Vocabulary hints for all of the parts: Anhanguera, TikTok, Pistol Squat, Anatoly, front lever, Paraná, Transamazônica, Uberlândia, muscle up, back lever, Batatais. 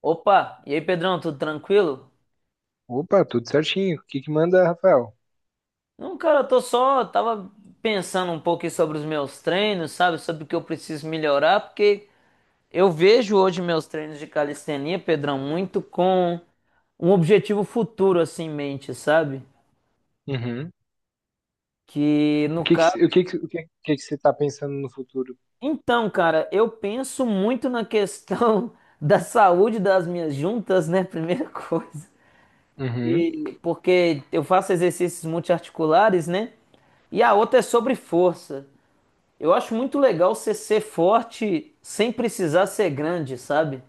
Opa, e aí Pedrão, tudo tranquilo? Opa, tudo certinho. O que que manda, Rafael? Não, cara, tava pensando um pouco aí sobre os meus treinos, sabe? Sobre o que eu preciso melhorar, porque eu vejo hoje meus treinos de calistenia, Pedrão, muito com um objetivo futuro assim em mente, sabe? Uhum. Que O no que que, caso. o que que, o que, que você tá pensando no futuro? Então, cara, eu penso muito na questão da saúde das minhas juntas, né? Primeira coisa. Uhum. E porque eu faço exercícios multiarticulares, né? E a outra é sobre força. Eu acho muito legal você ser forte sem precisar ser grande, sabe?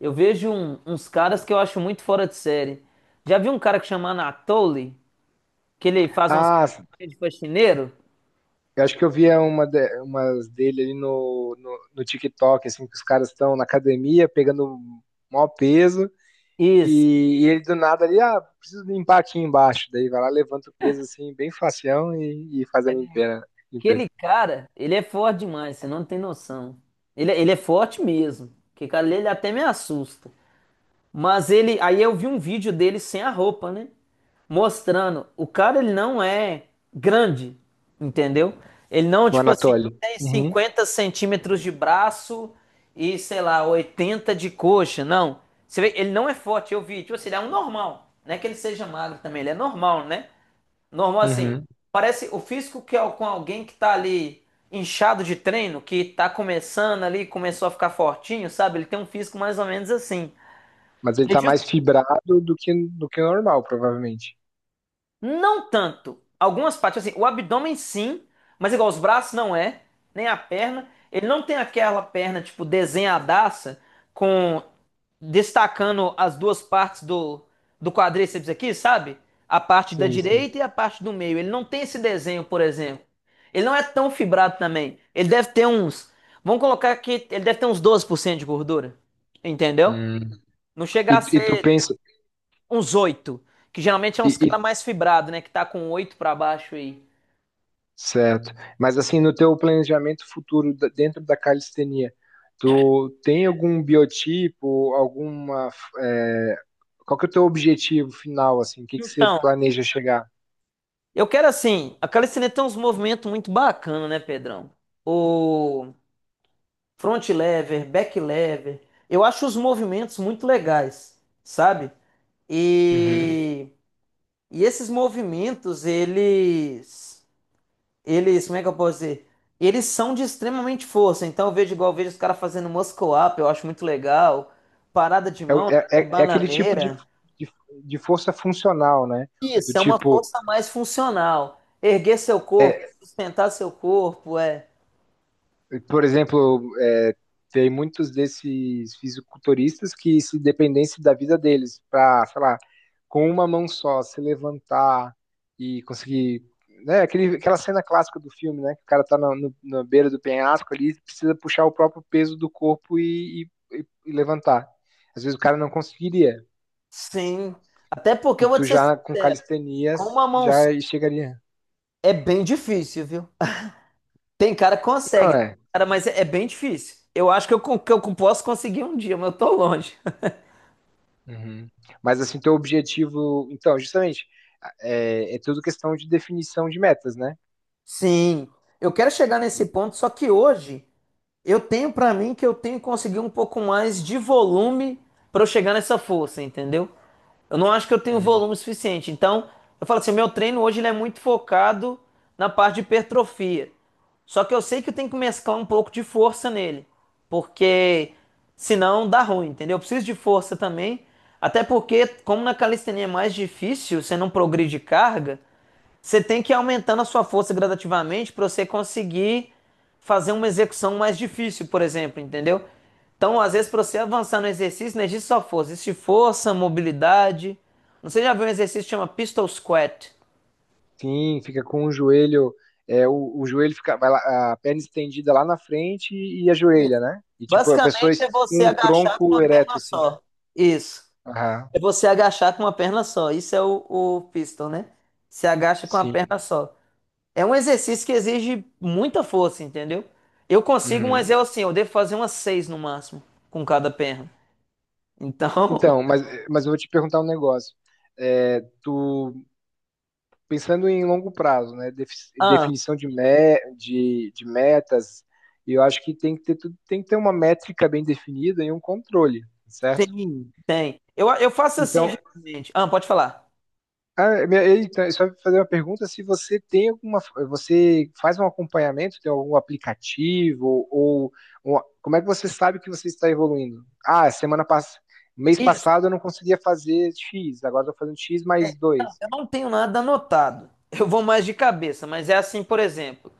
Eu vejo uns caras que eu acho muito fora de série. Já vi um cara que chama Anatoly, que ele faz umas Ah, coisas de faxineiro? eu acho que eu via umas dele ali no TikTok, assim, que os caras estão na academia pegando maior peso Isso. e ele do nada ali, ah, preciso limpar aqui embaixo. Daí vai lá, levanta o peso assim, bem facião e faz a limpeza, limpeza. Aquele cara, ele é forte demais, você não tem noção. Ele é forte mesmo. Que cara, ele até me assusta. Mas ele, aí eu vi um vídeo dele sem a roupa, né? Mostrando, o cara, ele não é grande, entendeu? Ele não, No tipo assim, Anatoly. tem Uhum. 50 centímetros de braço e, sei lá, 80 de coxa, não. Você vê, ele não é forte, eu vi, tipo assim, ele é um normal. Não é que ele seja magro também, ele é normal, né? Normal assim, Uhum. parece o físico que é com alguém que tá ali inchado de treino, que tá começando ali, começou a ficar fortinho, sabe? Ele tem um físico mais ou menos assim. Mas ele tá mais fibrado do que o normal, provavelmente. Não tanto. Algumas partes, assim, o abdômen sim, mas igual os braços não é, nem a perna. Ele não tem aquela perna, tipo, desenhadaça, com destacando as duas partes do, do quadríceps aqui, sabe? A parte da Sim, direita e a parte do meio. Ele não tem esse desenho, por exemplo. Ele não é tão fibrado também. Ele deve ter uns. Vamos colocar aqui, ele deve ter uns 12% de gordura. Entendeu? sim. Não chega a E tu ser pensa, uns oito. Que geralmente é uns caras e- mais fibrado, né? Que tá com oito pra baixo aí. Certo. Mas assim, no teu planejamento futuro dentro da calistenia, tu tem algum biotipo, alguma, é, qual que é o teu objetivo final, assim? O que que você Então, planeja chegar? eu quero assim. A calistenia tem uns movimentos muito bacana, né, Pedrão? O front lever, back lever. Eu acho os movimentos muito legais, sabe? Uhum. E, e esses movimentos, eles. Como é que eu posso dizer? Eles são de extremamente força. Então, eu vejo igual eu vejo os caras fazendo muscle up, eu acho muito legal. Parada de É, o- mão, né, é, que é é é aquele tipo bananeira. de, de força funcional, né? Do Isso, é uma tipo força mais funcional. Erguer seu corpo, é, sustentar seu corpo, é. Por exemplo, tem muitos desses fisiculturistas que se dependesse da vida deles para, sei lá, com uma mão só se levantar e conseguir, né, aquela cena clássica do filme, né, que o cara tá na, no- na beira do penhasco ali, precisa puxar o próprio peso do corpo e levantar. Às vezes o cara não conseguiria Sim. Até porque eu e vou tu te ser já com sincero, com calistenias uma mão só já chegaria. é bem difícil, viu? Tem cara que Não consegue, é. cara, mas é bem difícil. Eu acho que eu posso conseguir um dia, mas eu tô longe. Uhum. Mas assim, teu objetivo, então, justamente é tudo questão de definição de metas, né? Sim, eu quero chegar nesse ponto, só que hoje eu tenho pra mim que eu tenho que conseguir um pouco mais de volume pra eu chegar nessa força, entendeu? Eu não acho que eu tenho Hum. volume suficiente. Então, eu falo assim, meu treino hoje ele é muito focado na parte de hipertrofia. Só que eu sei que eu tenho que mesclar um pouco de força nele, porque senão dá ruim, entendeu? Eu preciso de força também, até porque como na calistenia é mais difícil, você não progride carga, você tem que ir aumentando a sua força gradativamente para você conseguir fazer uma execução mais difícil, por exemplo, entendeu? Então, às vezes, para você avançar no exercício, não existe só força, existe força, mobilidade. Não sei se já viu um exercício que chama Pistol Squat. Sim, fica com o joelho, o joelho fica, vai lá, a perna estendida lá na frente e, a joelha, Isso. né? E tipo, Basicamente é você com o agachar com tronco uma ereto, perna assim, né? só. Isso. Aham, É você agachar com uma perna só. Isso é o pistol, né? Você agacha com a sim. perna só. É um exercício que exige muita força, entendeu? Eu consigo, mas Uhum. eu assim, eu devo fazer umas seis no máximo com cada perna. Então, Então, mas, mas eu vou te perguntar um negócio. É, tu, pensando em longo prazo, né? Ah, Definição de metas, eu acho que tem que ter, tem que ter uma métrica bem definida e um controle, certo? tem, tem. Eu faço assim Então, geralmente. Ah, pode falar. Só fazer uma pergunta, se você tem alguma, você faz um acompanhamento, tem algum aplicativo ou, como é que você sabe que você está evoluindo? Ah, semana passada, mês Isso, passado eu não conseguia fazer X, agora estou fazendo X mais dois. eu não tenho nada anotado. Eu vou mais de cabeça, mas é assim, por exemplo.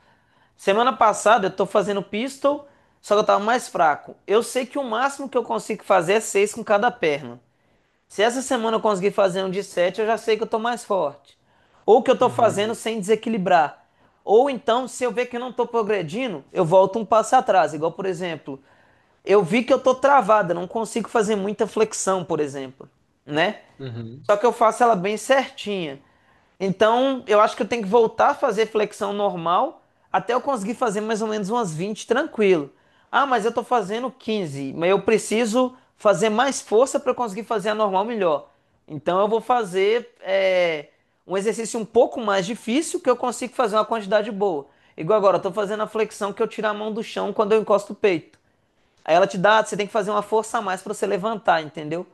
Semana passada eu tô fazendo pistol, só que eu tava mais fraco. Eu sei que o máximo que eu consigo fazer é seis com cada perna. Se essa semana eu conseguir fazer um de 7, eu já sei que eu tô mais forte. Ou que eu tô fazendo Uhum, sem desequilibrar. Ou então, se eu ver que eu não tô progredindo, eu volto um passo atrás. Igual, por exemplo, eu vi que eu tô travada, não consigo fazer muita flexão, por exemplo, né? uhum. Só que eu faço ela bem certinha. Então, eu acho que eu tenho que voltar a fazer flexão normal até eu conseguir fazer mais ou menos umas 20 tranquilo. Ah, mas eu tô fazendo 15, mas eu preciso fazer mais força para conseguir fazer a normal melhor. Então, eu vou fazer um exercício um pouco mais difícil que eu consigo fazer uma quantidade boa. Igual agora, eu tô fazendo a flexão que eu tiro a mão do chão quando eu encosto o peito. Aí ela te dá, você tem que fazer uma força a mais para você levantar, entendeu?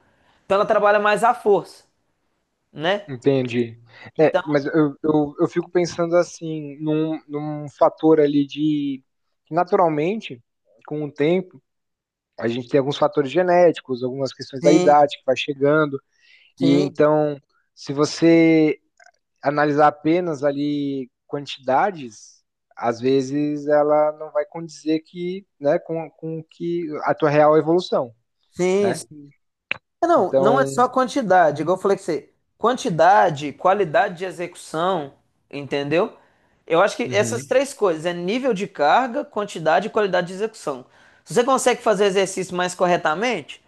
Então ela trabalha mais a força, né? Entendi. É, Então, mas eu fico pensando assim, num fator ali de, naturalmente, com o tempo, a gente tem alguns fatores genéticos, algumas questões da sim, idade que vai chegando. E sim. então, se você analisar apenas ali quantidades, às vezes ela não vai condizer que, né, com que a tua real evolução, Sim, né? sim. É, não, não é Então, só quantidade, igual eu falei que você, quantidade, qualidade de execução, entendeu? Eu acho que essas uhum, três coisas, é nível de carga, quantidade e qualidade de execução. Se você consegue fazer exercício mais corretamente,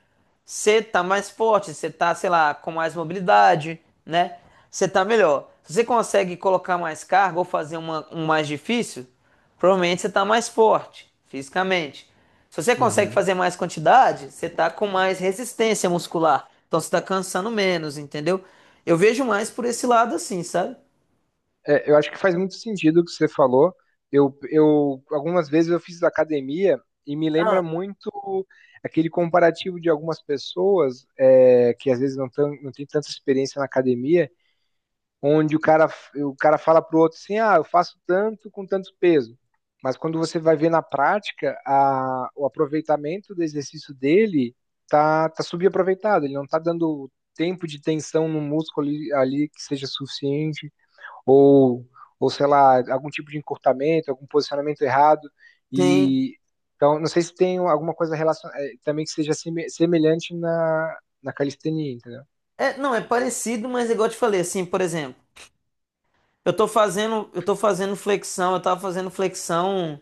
você tá mais forte, você tá, sei lá, com mais mobilidade, né? Você tá melhor. Se você consegue colocar mais carga ou fazer uma, um mais difícil, provavelmente você tá mais forte fisicamente. Se você consegue uhum. fazer mais quantidade, você tá com mais resistência muscular. Então você tá cansando menos, entendeu? Eu vejo mais por esse lado assim, sabe? É, eu acho que faz muito sentido o que você falou. Eu algumas vezes eu fiz academia e me lembra muito aquele comparativo de algumas pessoas que às vezes não tem tanta experiência na academia, onde o cara fala pro outro assim, ah, eu faço tanto com tanto peso. Mas quando você vai ver na prática, o aproveitamento do exercício dele tá subaproveitado, ele não tá dando tempo de tensão no músculo ali, ali que seja suficiente, ou, ou sei lá, algum tipo de encurtamento, algum posicionamento errado. Sim. E então, não sei se tem alguma coisa relacion... eh, também que seja semelhante na calistenia, entendeu? É, não, é parecido, mas é igual eu te falei, assim, por exemplo, eu tava fazendo flexão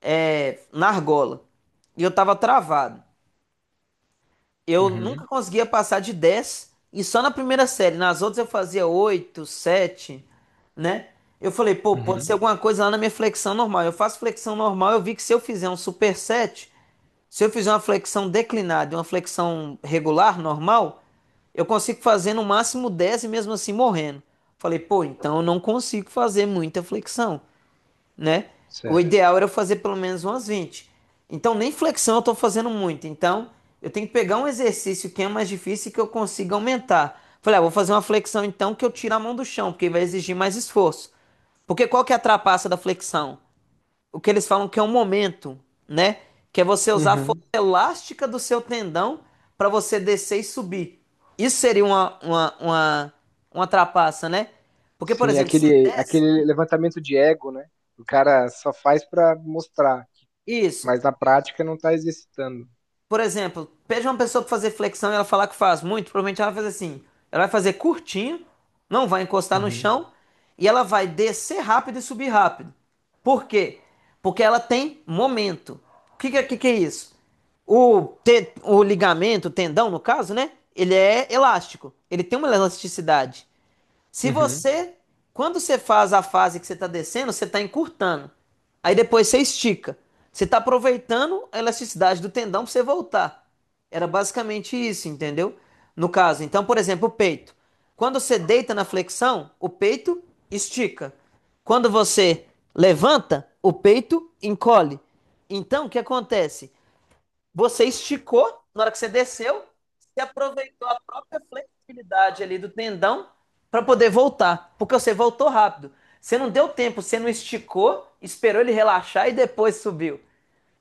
na argola. E eu tava travado. Eu Uhum, nunca conseguia passar de 10 e só na primeira série. Nas outras eu fazia 8 7, né? Eu falei, pô, pode ser uhum, alguma coisa lá na minha flexão normal. Eu faço flexão normal, eu vi que se eu fizer um superset, se eu fizer uma flexão declinada e uma flexão regular, normal, eu consigo fazer no máximo 10 e mesmo assim morrendo. Falei, pô, então eu não consigo fazer muita flexão, né? O certo. ideal era eu fazer pelo menos umas 20. Então, nem flexão eu estou fazendo muito. Então, eu tenho que pegar um exercício que é mais difícil e que eu consiga aumentar. Falei, ah, vou fazer uma flexão então que eu tiro a mão do chão, porque vai exigir mais esforço. Porque qual que é a trapaça da flexão? O que eles falam que é um momento, né? Que é você usar a força Uhum. elástica do seu tendão para você descer e subir. Isso seria uma trapaça, né? Porque, por Sim, exemplo, você desce, aquele levantamento de ego, né? O cara só faz pra mostrar, isso. mas na prática não tá exercitando. Por exemplo, pede uma pessoa para fazer flexão e ela falar que faz muito, provavelmente ela vai fazer assim. Ela vai fazer curtinho, não vai encostar no Uhum. chão e ela vai descer rápido e subir rápido. Por quê? Porque ela tem momento. O que é isso? O ligamento, o tendão, no caso, né? Ele é elástico. Ele tem uma elasticidade. Se Uhum. você, quando você faz a fase que você está descendo, você está encurtando. Aí depois você estica. Você está aproveitando a elasticidade do tendão para você voltar. Era basicamente isso, entendeu? No caso, então, por exemplo, o peito. Quando você deita na flexão, o peito estica. Quando você levanta, o peito encolhe. Então, o que acontece? Você esticou, na hora que você desceu, você aproveitou a própria flexibilidade ali do tendão para poder voltar, porque você voltou rápido. Você não deu tempo, você não esticou, esperou ele relaxar e depois subiu.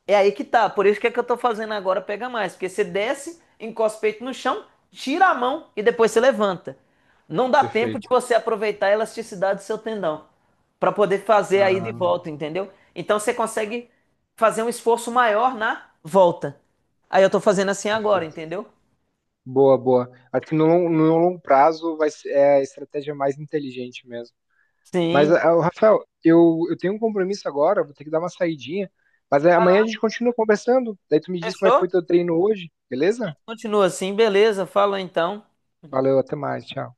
É aí que tá. Por isso que eu tô fazendo agora pega mais. Porque você desce, encosta o peito no chão, tira a mão e depois você levanta. Não dá tempo de Perfeito. você aproveitar a elasticidade do seu tendão para poder fazer aí de Ah, volta, entendeu? Então você consegue fazer um esforço maior na volta. Aí eu tô fazendo assim agora, perfeito. entendeu? Boa, boa. Acho que no longo prazo vai ser a estratégia mais inteligente mesmo. Mas, Sim. ah, o Rafael, eu tenho um compromisso agora, vou ter que dar uma saidinha. Mas é, Ah, amanhã a não, gente continua conversando. Daí tu me diz como é que fechou? foi teu treino hoje, beleza? Continua assim, beleza. Fala então. Valeu, até mais, tchau.